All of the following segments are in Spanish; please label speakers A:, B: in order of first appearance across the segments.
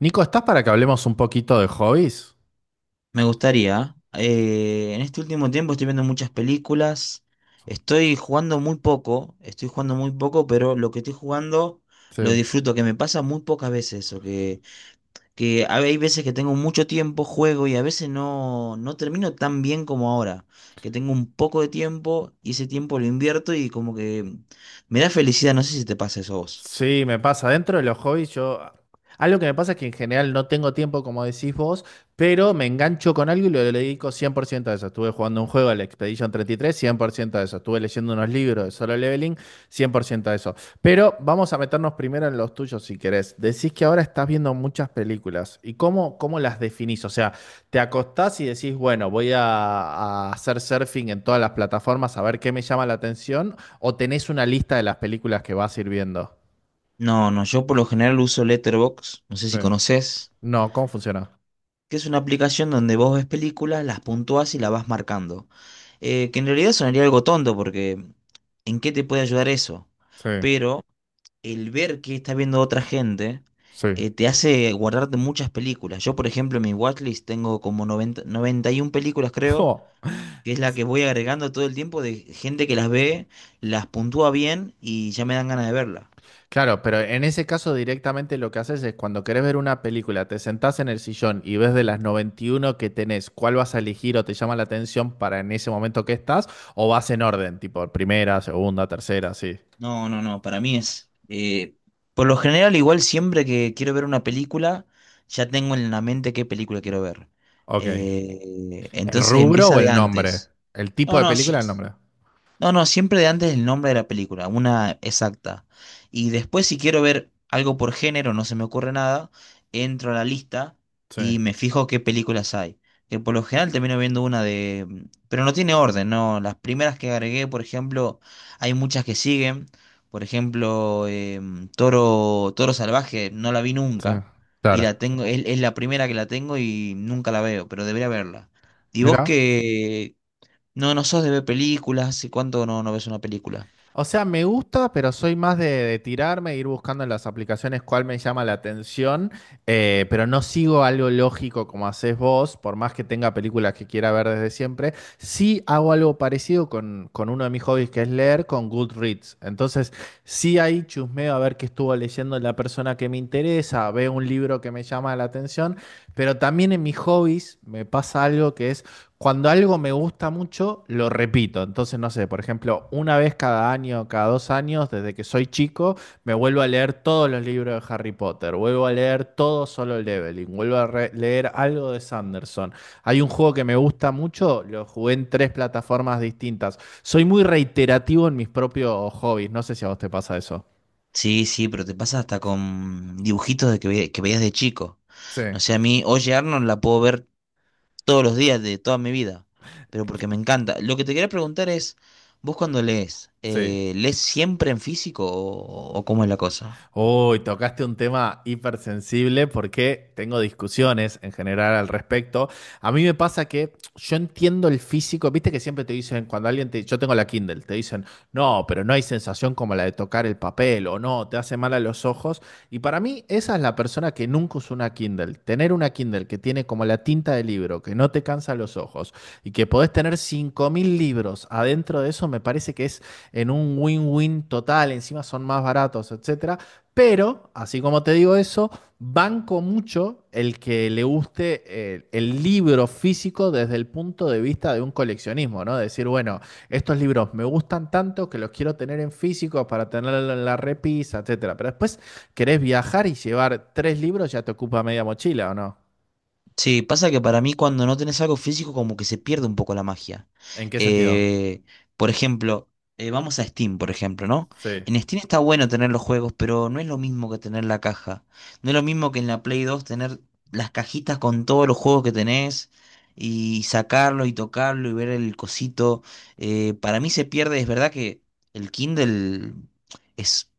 A: Nico, ¿estás para que hablemos un poquito de hobbies?
B: Me gustaría. En este último tiempo estoy viendo muchas películas. Estoy jugando muy poco. Estoy jugando muy poco, pero lo que estoy jugando lo
A: Sí.
B: disfruto, que me pasa muy pocas veces eso. Hay veces que tengo mucho tiempo, juego y a veces no, no termino tan bien como ahora. Que tengo un poco de tiempo y ese tiempo lo invierto y como que me da felicidad. No sé si te pasa eso a vos.
A: Sí, me pasa. Dentro de los hobbies, yo. Algo que me pasa es que en general no tengo tiempo, como decís vos, pero me engancho con algo y lo dedico 100% a eso. Estuve jugando un juego, el Expedition 33, 100% a eso. Estuve leyendo unos libros de Solo Leveling, 100% a eso. Pero vamos a meternos primero en los tuyos, si querés. Decís que ahora estás viendo muchas películas. ¿Y cómo las definís? O sea, te acostás y decís, bueno, voy a hacer surfing en todas las plataformas a ver qué me llama la atención, o tenés una lista de las películas que vas a ir viendo.
B: No, no, yo por lo general uso Letterboxd. No sé
A: Sí.
B: si conoces.
A: No, ¿cómo funciona?
B: Que es una aplicación donde vos ves películas, las puntuás y las vas marcando. Que en realidad sonaría algo tonto porque ¿en qué te puede ayudar eso?
A: Sí,
B: Pero el ver que está viendo otra gente
A: sí.
B: te hace guardarte muchas películas. Yo, por ejemplo, en mi watchlist tengo como noventa y 91 películas, creo,
A: Oh,
B: que es la que voy agregando todo el tiempo de gente que las ve, las puntúa bien y ya me dan ganas de verlas.
A: claro, pero en ese caso directamente lo que haces es cuando querés ver una película, te sentás en el sillón y ves de las 91 que tenés, cuál vas a elegir o te llama la atención para en ese momento que estás, o vas en orden, tipo primera, segunda, tercera, sí.
B: No, no, no, para mí por lo general, igual siempre que quiero ver una película, ya tengo en la mente qué película quiero ver.
A: Ok.
B: Eh,
A: ¿El
B: entonces
A: rubro
B: empieza
A: o
B: de
A: el nombre?
B: antes.
A: ¿El tipo
B: No,
A: de
B: no, sí.
A: película o el nombre?
B: No, no, siempre de antes el nombre de la película, una exacta. Y después si quiero ver algo por género, no se me ocurre nada, entro a la lista
A: Sí,
B: y me fijo qué películas hay. Que por lo general termino viendo Pero no tiene orden, ¿no? Las primeras que agregué, por ejemplo, hay muchas que siguen. Por ejemplo, Toro Salvaje, no la vi
A: sí.
B: nunca. Y
A: Claro.
B: la tengo, es la primera que la tengo y nunca la veo, pero debería verla. ¿Y vos
A: Mira.
B: qué, ¿No, no sos de ver películas? ¿Hace cuánto no, no ves una película?
A: O sea, me gusta, pero soy más de, tirarme, e ir buscando en las aplicaciones cuál me llama la atención, pero no sigo algo lógico como haces vos, por más que tenga películas que quiera ver desde siempre. Sí hago algo parecido con uno de mis hobbies, que es leer, con Goodreads. Entonces, sí ahí chusmeo a ver qué estuvo leyendo la persona que me interesa, veo un libro que me llama la atención, pero también en mis hobbies me pasa algo que es. Cuando algo me gusta mucho, lo repito. Entonces, no sé, por ejemplo, una vez cada año, cada dos años, desde que soy chico, me vuelvo a leer todos los libros de Harry Potter, vuelvo a leer todo Solo Leveling, vuelvo a leer algo de Sanderson. Hay un juego que me gusta mucho, lo jugué en tres plataformas distintas. Soy muy reiterativo en mis propios hobbies, no sé si a vos te pasa eso.
B: Sí, sí, pero te pasa hasta con dibujitos de que veías de chico.
A: Sí,
B: No sé, a mí, Oye Arnold la puedo ver todos los días de toda mi vida, pero porque me encanta. Lo que te quería preguntar es, vos cuando lees,
A: sí.
B: ¿lees siempre en físico o cómo es la cosa?
A: Uy, tocaste un tema hipersensible porque tengo discusiones en general al respecto. A mí me pasa que yo entiendo el físico, viste que siempre te dicen, cuando alguien te, yo tengo la Kindle, te dicen, no, pero no hay sensación como la de tocar el papel o no, te hace mal a los ojos. Y para mí esa es la persona que nunca usó una Kindle. Tener una Kindle que tiene como la tinta de libro, que no te cansa los ojos y que podés tener 5.000 libros adentro de eso, me parece que es en un win-win total, encima son más baratos, etcétera. Pero, así como te digo eso, banco mucho el que le guste el libro físico desde el punto de vista de un coleccionismo, ¿no? Decir, bueno, estos libros me gustan tanto que los quiero tener en físico para tenerlo en la repisa, etcétera. Pero después querés viajar y llevar tres libros, ya te ocupa media mochila, ¿o no?
B: Sí, pasa que para mí cuando no tenés algo físico como que se pierde un poco la magia.
A: ¿En qué sentido?
B: Eh, por ejemplo, vamos a Steam, por ejemplo, ¿no?
A: Sí.
B: En Steam está bueno tener los juegos, pero no es lo mismo que tener la caja. No es lo mismo que en la Play dos tener las cajitas con todos los juegos que tenés y sacarlo y tocarlo y ver el cosito. Para mí se pierde, es verdad que el Kindle es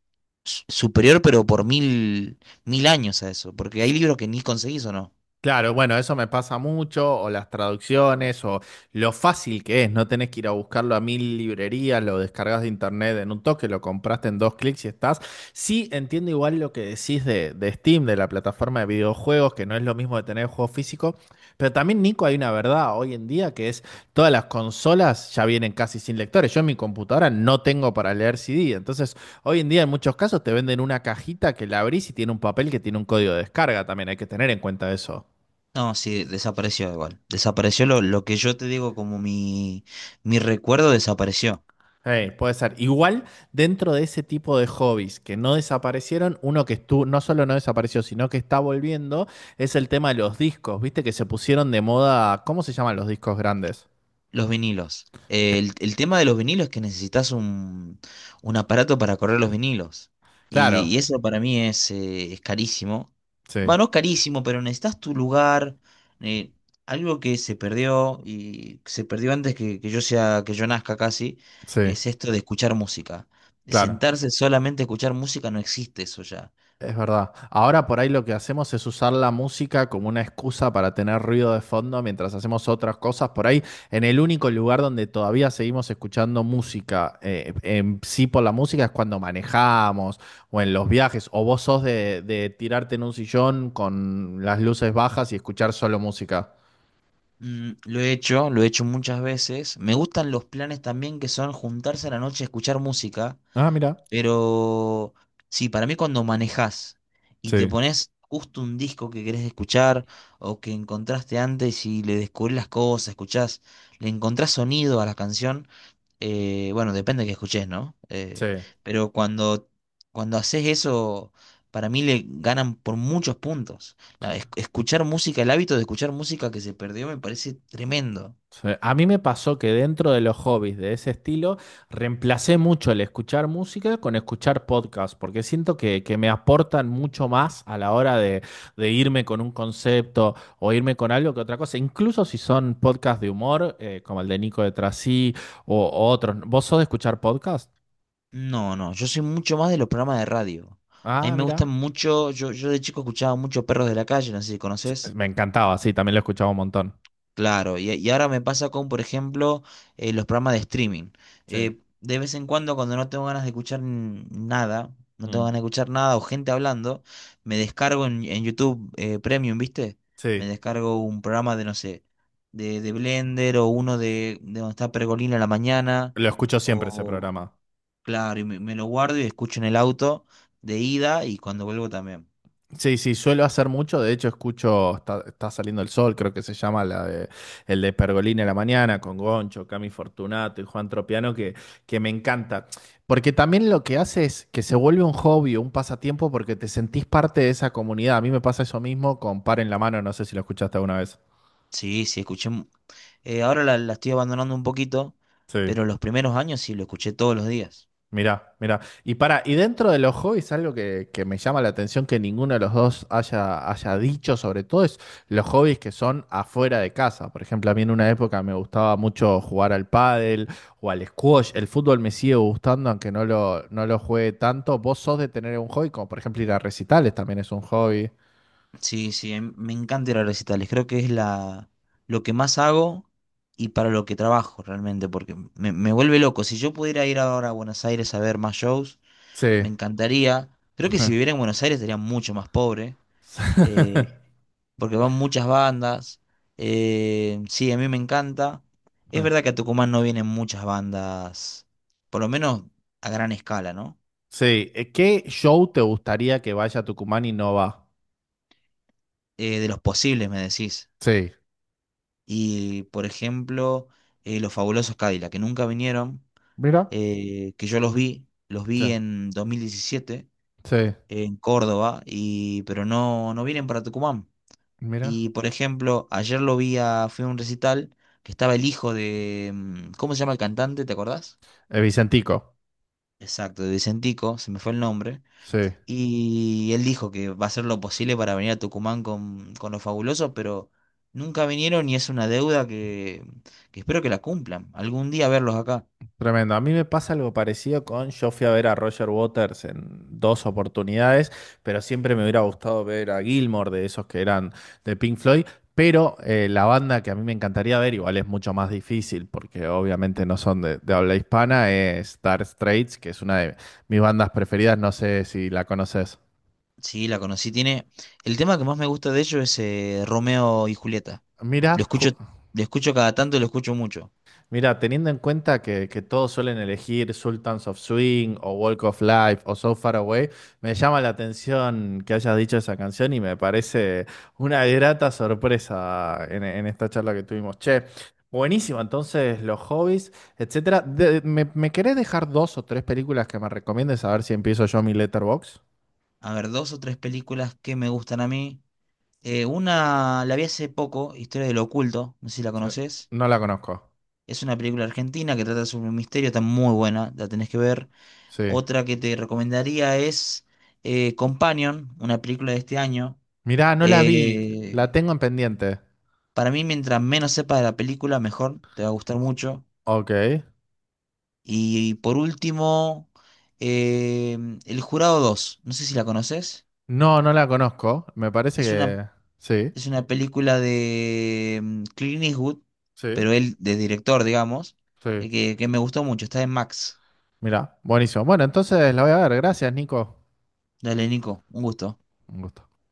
B: superior, pero por mil, mil años a eso, porque hay libros que ni conseguís o no.
A: Claro, bueno, eso me pasa mucho, o las traducciones, o lo fácil que es, no tenés que ir a buscarlo a mil librerías, lo descargas de internet en un toque, lo compraste en dos clics y estás. Sí, entiendo igual lo que decís de, Steam, de la plataforma de videojuegos, que no es lo mismo de tener el juego físico, pero también, Nico, hay una verdad hoy en día que es todas las consolas ya vienen casi sin lectores. Yo en mi computadora no tengo para leer CD, entonces hoy en día en muchos casos te venden una cajita que la abrís y tiene un papel que tiene un código de descarga también, hay que tener en cuenta eso.
B: No, sí, desapareció igual. Desapareció lo que yo te digo como mi recuerdo desapareció.
A: Hey, puede ser. Igual dentro de ese tipo de hobbies que no desaparecieron, uno que estuvo, no solo no desapareció, sino que está volviendo, es el tema de los discos. Viste que se pusieron de moda. ¿Cómo se llaman los discos grandes?
B: Los vinilos. El tema de los vinilos es que necesitas un aparato para correr los vinilos. Y,
A: Claro,
B: y eso para mí es carísimo.
A: sí,
B: Bueno, no carísimo, pero necesitas tu lugar. eh, Algo que se perdió y se perdió antes que yo sea, que yo nazca casi,
A: sí,
B: es esto de escuchar música. De
A: claro.
B: sentarse solamente a escuchar música no existe eso ya.
A: Es verdad. Ahora por ahí lo que hacemos es usar la música como una excusa para tener ruido de fondo mientras hacemos otras cosas. Por ahí, en el único lugar donde todavía seguimos escuchando música, en sí por la música, es cuando manejamos o en los viajes. O vos sos de, tirarte en un sillón con las luces bajas y escuchar solo música.
B: Lo he hecho, lo he hecho muchas veces. Me gustan los planes también que son juntarse a la noche a escuchar música,
A: Ah, mira.
B: pero sí, para mí cuando manejás y te
A: Sí.
B: pones justo un disco que querés escuchar o que encontraste antes y le descubrís las cosas, escuchás, le encontrás sonido a la canción bueno, depende de que escuches, ¿no?
A: Sí.
B: Pero cuando, cuando haces eso, para mí le ganan por muchos puntos. La- es- escuchar música, el hábito de escuchar música que se perdió me parece tremendo.
A: Sí, a mí me pasó que dentro de los hobbies de ese estilo, reemplacé mucho el escuchar música con escuchar podcast, porque siento que, me aportan mucho más a la hora de irme con un concepto o irme con algo que otra cosa, incluso si son podcasts de humor, como el de Nico de Trasí o otros. ¿Vos sos de escuchar podcast?
B: No, no, yo soy mucho más de los programas de radio. A mí
A: Ah,
B: me
A: mira.
B: gustan mucho, yo de chico escuchaba mucho Perros de la Calle, no sé si
A: Sí,
B: conoces.
A: me encantaba, sí, también lo escuchaba un montón.
B: Claro, y ahora me pasa con, por ejemplo, los programas de streaming.
A: Sí,
B: De vez en cuando, cuando no tengo ganas de escuchar nada, no
A: Mm.
B: tengo ganas de escuchar nada o gente hablando, me descargo en YouTube Premium, ¿viste? Me
A: Sí.
B: descargo un programa de, no sé, de Blender o uno de donde está Pergolina a la mañana,
A: Lo escucho siempre ese
B: o
A: programa.
B: claro, y me lo guardo y escucho en el auto de ida y cuando vuelvo también.
A: Sí, sí, suelo hacer mucho. De hecho, escucho Está, está saliendo el sol, creo que se llama la de, el de Pergolini a la mañana, con Goncho, Cami Fortunato y Juan Tropiano, que, me encanta. Porque también lo que hace es que se vuelve un hobby, un pasatiempo, porque te sentís parte de esa comunidad. A mí me pasa eso mismo con Par en la mano, no sé si lo escuchaste alguna vez.
B: Sí, sí, escuché. Ahora la estoy abandonando un poquito,
A: Sí.
B: pero los primeros años sí lo escuché todos los días.
A: Mirá, mirá. Y para, y dentro de los hobbies, algo que, me llama la atención que ninguno de los dos haya dicho, sobre todo, es los hobbies que son afuera de casa. Por ejemplo, a mí en una época me gustaba mucho jugar al pádel o al squash. El fútbol me sigue gustando, aunque no lo juegue tanto. ¿Vos sos de tener un hobby? Como por ejemplo ir a recitales también es un hobby.
B: Sí, sí, me encanta ir a recitales. Creo que es lo que más hago y para lo que trabajo realmente, porque me vuelve loco. Si yo pudiera ir ahora a Buenos Aires a ver más shows, me
A: Sí.
B: encantaría. Creo que si viviera en Buenos Aires estaría mucho más pobre, eh, porque van muchas bandas. Sí, a mí me encanta. Es verdad que a Tucumán no vienen muchas bandas, por lo menos a gran escala, ¿no?
A: Sí. ¿Qué show te gustaría que vaya a Tucumán y no va?
B: De los posibles, me decís.
A: Sí.
B: Y, por ejemplo, los fabulosos Cadillac, que nunca vinieron,
A: Mira.
B: que yo los
A: Sí.
B: vi en 2017
A: Sí.
B: en Córdoba, y, pero no, no vienen para Tucumán.
A: Mira.
B: Y, por ejemplo, ayer lo vi a, fui a un recital que estaba el hijo de, ¿cómo se llama el cantante? ¿Te acordás?
A: Vicentico,
B: Exacto, de Vicentico, se me fue el nombre.
A: sí,
B: Y él dijo que va a hacer lo posible para venir a Tucumán con los fabulosos, pero nunca vinieron y es una deuda que espero que la cumplan. Algún día verlos acá.
A: tremendo. A mí me pasa algo parecido con, yo fui a ver a Roger Waters en dos oportunidades, pero siempre me hubiera gustado ver a Gilmour, de esos que eran de Pink Floyd, pero la banda que a mí me encantaría ver, igual es mucho más difícil, porque obviamente no son de, habla hispana, es Dire Straits, que es una de mis bandas preferidas, no sé si la conoces.
B: Sí, la conocí. Tiene. El tema que más me gusta de ellos es Romeo y Julieta. Lo
A: Mira,
B: escucho, lo escucho cada tanto y lo escucho mucho.
A: mira, teniendo en cuenta que todos suelen elegir Sultans of Swing o Walk of Life o So Far Away, me llama la atención que hayas dicho esa canción y me parece una grata sorpresa en esta charla que tuvimos. Che, buenísimo, entonces los hobbies, etcétera. ¿Me querés dejar dos o tres películas que me recomiendes a ver si empiezo yo mi letterbox?
B: A ver, dos o tres películas que me gustan a mí. Una la vi hace poco, Historia del Oculto, no sé si la
A: Sí.
B: conoces.
A: No la conozco.
B: Es una película argentina que trata sobre un misterio, está muy buena, la tenés que ver.
A: Sí.
B: Otra que te recomendaría es Companion, una película de este año.
A: Mirá, no la vi, la
B: Eh,
A: tengo en pendiente.
B: para mí, mientras menos sepas de la película, mejor, te va a gustar
A: O-
B: mucho.
A: ok.
B: Y, por último, eh, El Jurado dos no sé si la conoces.
A: No, no la conozco. Me parece
B: Es una,
A: que sí,
B: es una película de Clint Eastwood,
A: sí,
B: pero él de director, digamos,
A: sí.
B: que me gustó mucho, está en Max.
A: Mirá, buenísimo. Bueno, entonces la voy a ver. Gracias, Nico.
B: Dale, Nico, un gusto.
A: Un gusto.